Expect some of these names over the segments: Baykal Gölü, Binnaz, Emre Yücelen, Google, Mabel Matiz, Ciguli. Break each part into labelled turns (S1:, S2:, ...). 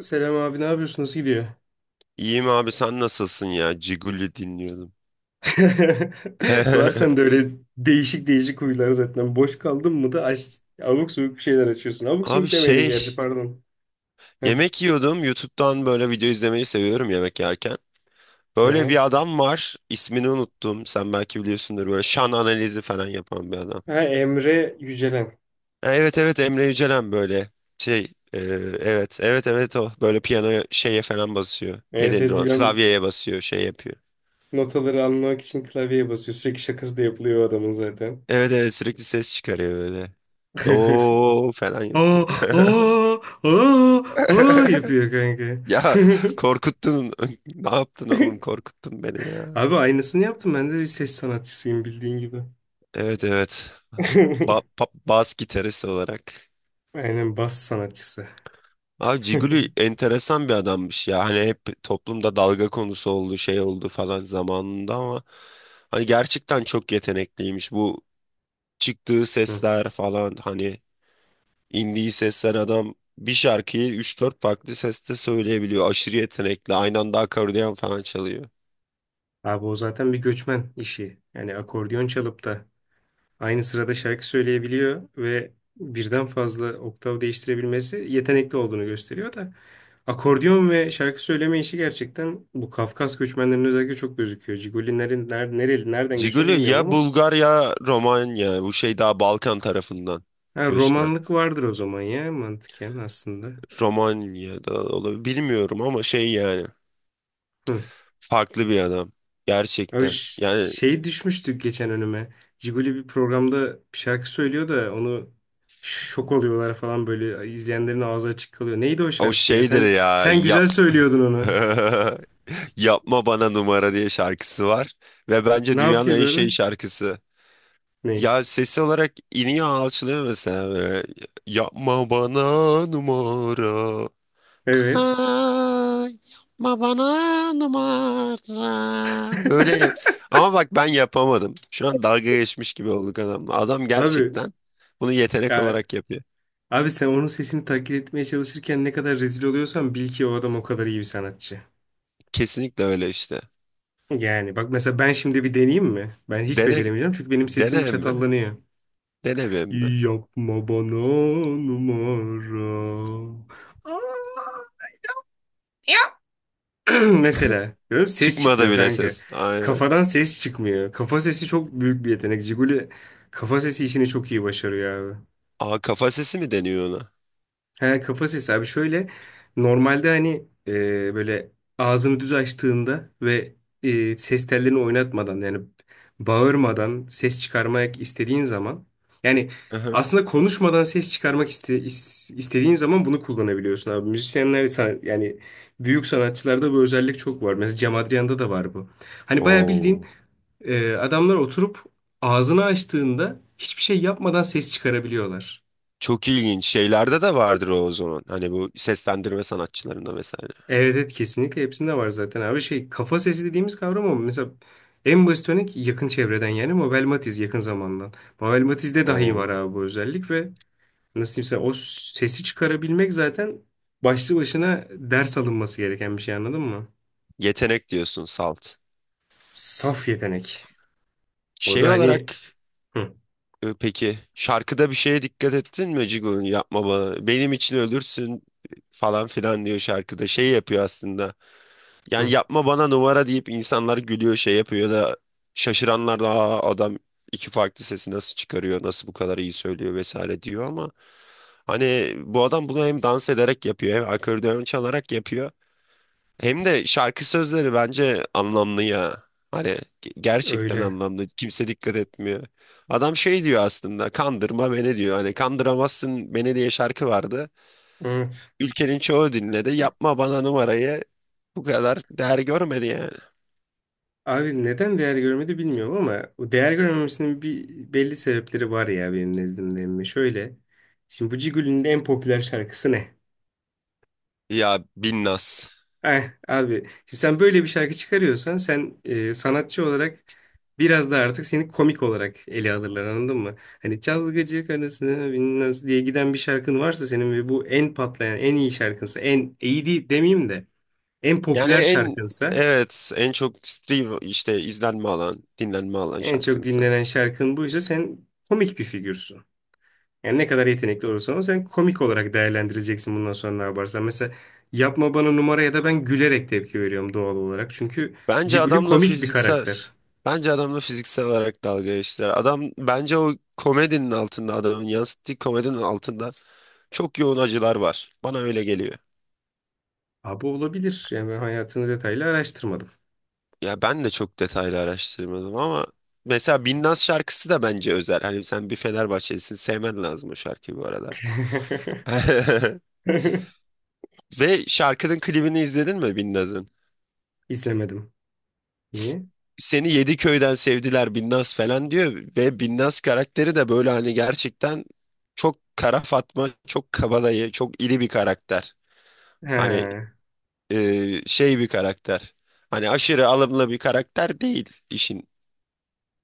S1: Selam abi ne yapıyorsun? Nasıl gidiyor?
S2: İyiyim abi, sen nasılsın ya? Ciguli dinliyordum.
S1: Var sende öyle değişik değişik huylar zaten. Boş kaldın mı da aç, abuk subuk bir şeyler açıyorsun. Abuk
S2: Abi,
S1: subuk demeyelim gerçi pardon. Heh,
S2: yemek yiyordum. YouTube'dan böyle video izlemeyi seviyorum yemek yerken.
S1: hı
S2: Böyle
S1: hı.
S2: bir adam var. İsmini unuttum. Sen belki biliyorsundur, böyle şan analizi falan yapan bir adam.
S1: Ha, Emre Yücelen.
S2: Ha, evet evet, Emre Yücelen böyle şey e, evet evet evet o böyle piyano şeye falan basıyor. Ne
S1: Evet
S2: denir
S1: evet
S2: ona?
S1: biliyorum,
S2: Klavyeye basıyor, şey yapıyor.
S1: notaları almak için klavyeye basıyor. Sürekli şakası da yapılıyor o adamın zaten.
S2: Evet evet, sürekli ses çıkarıyor böyle. Do falan
S1: Aa,
S2: yapıyor.
S1: aa, aa, aa yapıyor kanka.
S2: Ya korkuttun. Ne yaptın oğlum? Korkuttun beni ya.
S1: Abi aynısını yaptım. Ben de bir ses sanatçısıyım bildiğin gibi.
S2: Evet evet. Bas gitarist olarak.
S1: Aynen bas sanatçısı.
S2: Abi Ciguli enteresan bir adammış ya. Hani hep toplumda dalga konusu oldu, şey oldu falan zamanında ama hani gerçekten çok yetenekliymiş. Bu çıktığı
S1: Hı.
S2: sesler falan, hani indiği sesler, adam bir şarkıyı üç dört farklı seste söyleyebiliyor. Aşırı yetenekli. Aynı anda akordeon falan çalıyor.
S1: Abi o zaten bir göçmen işi. Yani akordeon çalıp da aynı sırada şarkı söyleyebiliyor ve birden fazla oktav değiştirebilmesi yetenekli olduğunu gösteriyor da akordeon ve şarkı söyleme işi gerçekten bu Kafkas göçmenlerinin özellikle çok gözüküyor. Cigolilerin ner nereli nereden göçme
S2: Ciguli
S1: bilmiyorum
S2: ya
S1: ama
S2: Bulgar ya Romanya. Bu şey, daha Balkan tarafından
S1: ha,
S2: göçmen.
S1: romanlık vardır o zaman ya mantıken aslında.
S2: Romanya'da olabilir. Bilmiyorum ama şey yani.
S1: Hı.
S2: Farklı bir adam.
S1: Abi
S2: Gerçekten. Yani
S1: şey düşmüştük geçen önüme. Ciguli bir programda bir şarkı söylüyor da onu şok oluyorlar falan böyle, izleyenlerin ağzı açık kalıyor. Neydi o
S2: o
S1: şarkı ya?
S2: şeydir
S1: Sen
S2: ya.
S1: sen güzel söylüyordun onu.
S2: Yapma bana numara diye şarkısı var. Ve bence
S1: Ne
S2: dünyanın
S1: yapıyordu
S2: en şey
S1: orada?
S2: şarkısı.
S1: Ne?
S2: Ya sesi olarak iniyor, alçılıyor mesela böyle. Yapma bana numara.
S1: Evet.
S2: Aa, yapma bana numara. Böyle ama bak, ben yapamadım. Şu an dalga geçmiş gibi olduk adamla. Adam
S1: Abi
S2: gerçekten bunu yetenek
S1: ya,
S2: olarak yapıyor.
S1: abi sen onun sesini taklit etmeye çalışırken ne kadar rezil oluyorsan bil ki o adam o kadar iyi bir sanatçı.
S2: Kesinlikle öyle işte.
S1: Yani bak mesela ben şimdi bir deneyeyim mi? Ben hiç
S2: Dene
S1: beceremeyeceğim çünkü benim sesim
S2: dene mi?
S1: çatallanıyor.
S2: Dene mi?
S1: Yapma bana numara. Aa! Mesela. Görüyor musun? Ses
S2: Çıkmadı
S1: çıkmıyor
S2: bile
S1: kanka.
S2: ses. Aynen.
S1: Kafadan ses çıkmıyor. Kafa sesi çok büyük bir yetenek. Ciguli kafa sesi işini çok iyi başarıyor abi.
S2: Aa, kafa sesi mi deniyor ona?
S1: He, kafa sesi abi şöyle, normalde hani böyle ağzını düz açtığında ve ses tellerini oynatmadan, yani bağırmadan ses çıkarmak istediğin zaman, yani
S2: Aha.
S1: aslında konuşmadan ses çıkarmak istediğin zaman bunu kullanabiliyorsun abi. Yani büyük sanatçılarda bu özellik çok var. Mesela Cem Adrian'da da var bu. Hani bayağı bildiğin
S2: Oo.
S1: adamlar oturup ağzını açtığında hiçbir şey yapmadan ses çıkarabiliyorlar.
S2: Çok ilginç. Şeylerde de vardır o, o zaman. Hani bu seslendirme sanatçılarında vesaire.
S1: Evet, evet kesinlikle hepsinde var zaten abi, şey kafa sesi dediğimiz kavram, ama mesela en basit örnek yakın çevreden, yani Mabel Matiz yakın zamandan. Mabel Matiz'de dahi var
S2: O
S1: abi bu özellik ve nasıl diyeyim sana, o sesi çıkarabilmek zaten başlı başına ders alınması gereken bir şey, anladın mı?
S2: yetenek diyorsun salt.
S1: Saf yetenek. O
S2: Şey
S1: da hani
S2: olarak
S1: hı,
S2: peki şarkıda bir şeye dikkat ettin mi? Cigo'nun, "yapma bana, benim için ölürsün" falan filan diyor şarkıda. Şey yapıyor aslında. Yani
S1: hı,
S2: "yapma bana numara" deyip insanlar gülüyor, şey yapıyor da, şaşıranlar da, "Aa, adam iki farklı sesi nasıl çıkarıyor, nasıl bu kadar iyi söylüyor" vesaire diyor ama hani bu adam bunu hem dans ederek yapıyor, hem akordeon çalarak yapıyor, hem de şarkı sözleri bence anlamlı ya. Hani gerçekten
S1: öyle.
S2: anlamlı, kimse dikkat etmiyor. Adam şey diyor aslında, "kandırma beni" diyor. Hani "kandıramazsın beni" diye şarkı vardı,
S1: Evet.
S2: ülkenin çoğu dinledi. Yapma bana numarayı bu kadar değer görmedi yani.
S1: Abi neden değer görmedi bilmiyorum ama o değer görmemesinin bir belli sebepleri var ya benim nezdimde. Emmi. Şöyle. Şimdi bu Cigül'ün en popüler şarkısı ne?
S2: Ya, Binnaz.
S1: Eh, abi şimdi sen böyle bir şarkı çıkarıyorsan sen sanatçı olarak biraz da artık seni komik olarak ele alırlar, anladın mı? Hani çalgıcı karısına bilmez diye giden bir şarkın varsa senin ve bu en patlayan en iyi şarkınsa, en iyi değil demeyeyim de en
S2: Yani
S1: popüler
S2: en,
S1: şarkınsa,
S2: evet en çok stream, işte izlenme alan, dinlenme alan
S1: en çok
S2: şarkısı.
S1: dinlenen şarkın buysa sen komik bir figürsün. Yani ne kadar yetenekli olursan ol, sen komik olarak değerlendireceksin bundan sonra ne yaparsan. Mesela yapma bana numara ya da ben gülerek tepki veriyorum doğal olarak. Çünkü
S2: Bence
S1: Ciguli
S2: adamla
S1: komik bir
S2: fiziksel
S1: karakter.
S2: bence adamla fiziksel olarak dalga geçtiler. Adam bence o komedinin altında, adamın yansıttığı komedinin altında çok yoğun acılar var. Bana öyle geliyor.
S1: Abi olabilir. Yani ben hayatını detaylı araştırmadım.
S2: Ya, ben de çok detaylı araştırmadım ama mesela Binnaz şarkısı da bence özel. Hani sen bir Fenerbahçelisin, sevmen lazım o şarkıyı bu arada. Ve şarkının klibini izledin mi Binnaz'ın?
S1: İzlemedim. Niye?
S2: "Seni yedi köyden sevdiler Binnaz" falan diyor ve Binnaz karakteri de böyle hani gerçekten çok kara Fatma, çok kabadayı, çok iri bir karakter. Hani
S1: He.
S2: e, şey bir karakter. Hani aşırı alımlı bir karakter değil, işin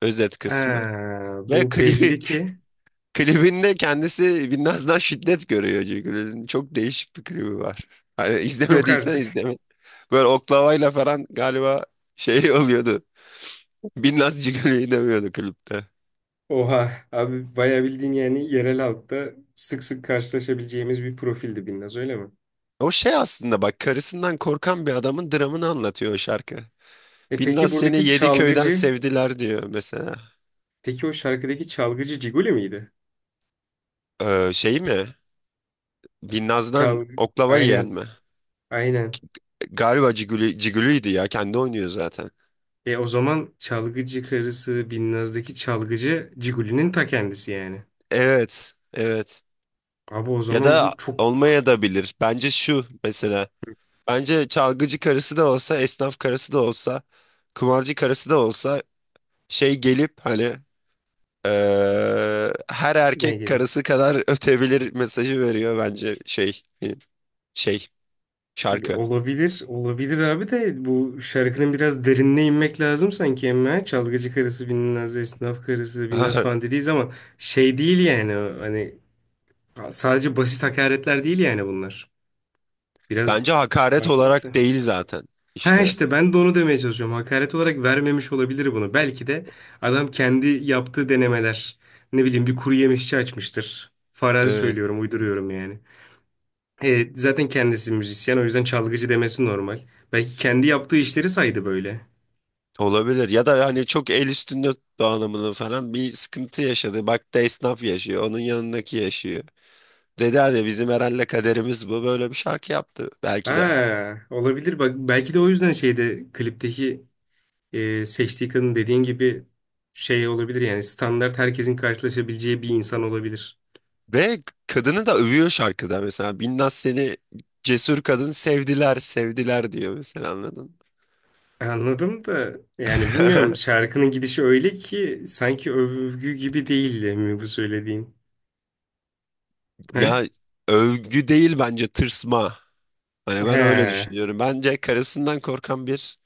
S2: özet kısmı.
S1: Ha,
S2: Ve
S1: bu
S2: klibi,
S1: belli ki
S2: klibinde kendisi Binnaz'dan şiddet görüyor çünkü. Çok değişik bir klibi var. Hani
S1: yok
S2: izlemediysen
S1: artık.
S2: izleme. Böyle oklavayla falan galiba şey oluyordu. Binnaz Cigali'yi dövüyordu klipte.
S1: Oha abi bayağı bildiğin yani yerel halkta sık sık karşılaşabileceğimiz bir profildi Binnaz, öyle mi?
S2: O şey aslında, bak, karısından korkan bir adamın dramını anlatıyor o şarkı.
S1: E peki
S2: "Binnaz seni
S1: buradaki
S2: yedi köyden
S1: çalgıcı,
S2: sevdiler" diyor mesela.
S1: peki o şarkıdaki çalgıcı Ciguli miydi?
S2: Şey mi? Binnaz'dan
S1: Çalgı,
S2: oklava yiyen
S1: aynen,
S2: mi?
S1: aynen.
S2: Galiba Cigülü, Cigülü'ydü ya, kendi oynuyor zaten.
S1: E o zaman çalgıcı karısı Binnaz'daki çalgıcı Ciguli'nin ta kendisi yani.
S2: Evet evet.
S1: Abi o
S2: Ya
S1: zaman
S2: da
S1: bu çok
S2: olmaya da bilir. Bence şu mesela. Bence çalgıcı karısı da olsa, esnaf karısı da olsa, kumarcı karısı da olsa, şey gelip hani her
S1: Ne
S2: erkek
S1: gibi?
S2: karısı kadar ötebilir mesajı veriyor bence şey, şey şarkı.
S1: Olabilir, olabilir abi, de bu şarkının biraz derinine inmek lazım sanki ama çalgıcı karısı bilinmez, esnaf karısı bilinmez falan dediğiz ama şey değil yani o, hani sadece basit hakaretler değil yani bunlar. Biraz
S2: Bence hakaret
S1: bakmakla.
S2: olarak değil zaten
S1: Ha
S2: işte.
S1: işte ben de onu demeye çalışıyorum. Hakaret olarak vermemiş olabilir bunu. Belki de adam kendi yaptığı denemeler. Ne bileyim, bir kuru yemişçi açmıştır. Farazi
S2: Evet,
S1: söylüyorum, uyduruyorum yani. E, zaten kendisi müzisyen, o yüzden çalgıcı demesi normal. Belki kendi yaptığı işleri saydı böyle.
S2: olabilir ya da hani çok el üstünde tuttu anlamında falan bir sıkıntı yaşadı. Bak da, esnaf yaşıyor, onun yanındaki yaşıyor. Dedi hani, "bizim herhalde kaderimiz bu", böyle bir şarkı yaptı belki de.
S1: Ha, olabilir bak, belki de o yüzden şeyde, klipteki seçtiği kadın dediğin gibi şey olabilir, yani standart herkesin karşılaşabileceği bir insan olabilir.
S2: Ve kadını da övüyor şarkıda, mesela "Binnaz seni cesur kadın sevdiler sevdiler" diyor mesela, anladın mı?
S1: Anladım da, yani bilmiyorum, şarkının gidişi öyle ki sanki övgü gibi değildi mi bu söylediğin? He?
S2: Ya övgü değil, bence tırsma. Hani ben öyle
S1: He.
S2: düşünüyorum. Bence karısından korkan bir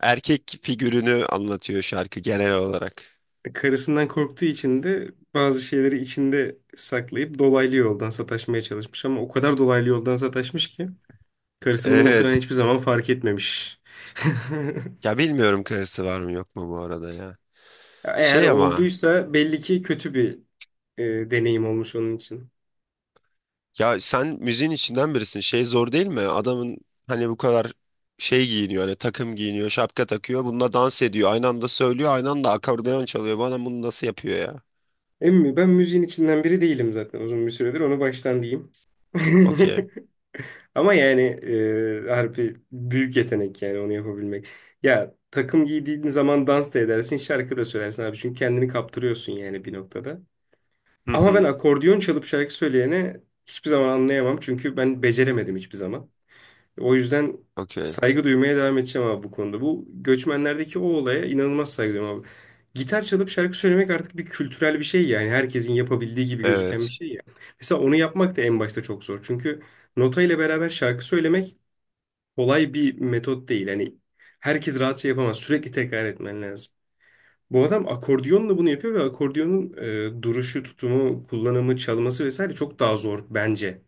S2: erkek figürünü anlatıyor şarkı genel olarak.
S1: Karısından korktuğu için de bazı şeyleri içinde saklayıp dolaylı yoldan sataşmaya çalışmış. Ama o kadar dolaylı yoldan sataşmış ki karısı bunu
S2: Evet.
S1: muhtemelen hiçbir zaman fark etmemiş.
S2: Ya, bilmiyorum karısı var mı yok mu bu arada ya.
S1: Eğer
S2: Şey ama,
S1: olduysa belli ki kötü bir deneyim olmuş onun için.
S2: ya sen müziğin içinden birisin. Şey zor değil mi? Adamın hani bu kadar şey giyiniyor, hani takım giyiniyor, şapka takıyor. Bununla dans ediyor. Aynı anda söylüyor, aynı anda akordeon çalıyor. Bana bunu nasıl yapıyor ya?
S1: Emmi ben müziğin içinden biri değilim zaten uzun bir süredir, onu baştan diyeyim.
S2: Okey.
S1: Ama yani harbi büyük yetenek yani onu yapabilmek. Ya takım giydiğin zaman dans da edersin, şarkı da söylersin abi. Çünkü kendini kaptırıyorsun yani bir noktada.
S2: Hı
S1: Ama ben
S2: hı.
S1: akordiyon çalıp şarkı söyleyene hiçbir zaman anlayamam. Çünkü ben beceremedim hiçbir zaman. O yüzden
S2: Okey.
S1: saygı duymaya devam edeceğim abi bu konuda. Bu göçmenlerdeki o olaya inanılmaz saygı duyuyorum abi. Gitar çalıp şarkı söylemek artık bir kültürel bir şey yani. Herkesin yapabildiği gibi gözüken bir
S2: Evet.
S1: şey ya. Mesela onu yapmak da en başta çok zor. Çünkü nota ile beraber şarkı söylemek kolay bir metot değil. Hani herkes rahatça yapamaz. Sürekli tekrar etmen lazım. Bu adam akordiyonla bunu yapıyor ve akordiyonun duruşu, tutumu, kullanımı, çalması vesaire çok daha zor bence.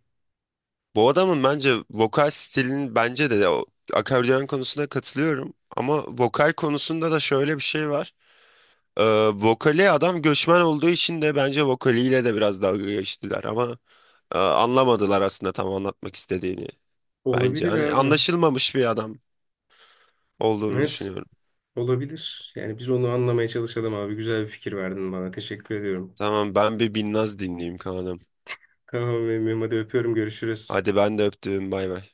S2: Bu adamın bence vokal stilinin, bence de o akordeon konusunda katılıyorum. Ama vokal konusunda da şöyle bir şey var. Ee, vokali, adam göçmen olduğu için de bence vokaliyle de biraz dalga geçtiler. Ama anlamadılar aslında tam anlatmak istediğini. Bence
S1: Olabilir
S2: hani
S1: abi.
S2: anlaşılmamış bir adam olduğunu
S1: Evet,
S2: düşünüyorum.
S1: olabilir. Yani biz onu anlamaya çalışalım abi. Güzel bir fikir verdin bana. Teşekkür ediyorum.
S2: Tamam, ben bir Binnaz dinleyeyim kanalım.
S1: Tamam, benim hadi, öpüyorum. Görüşürüz.
S2: Hadi, ben de öptüm, bay bay.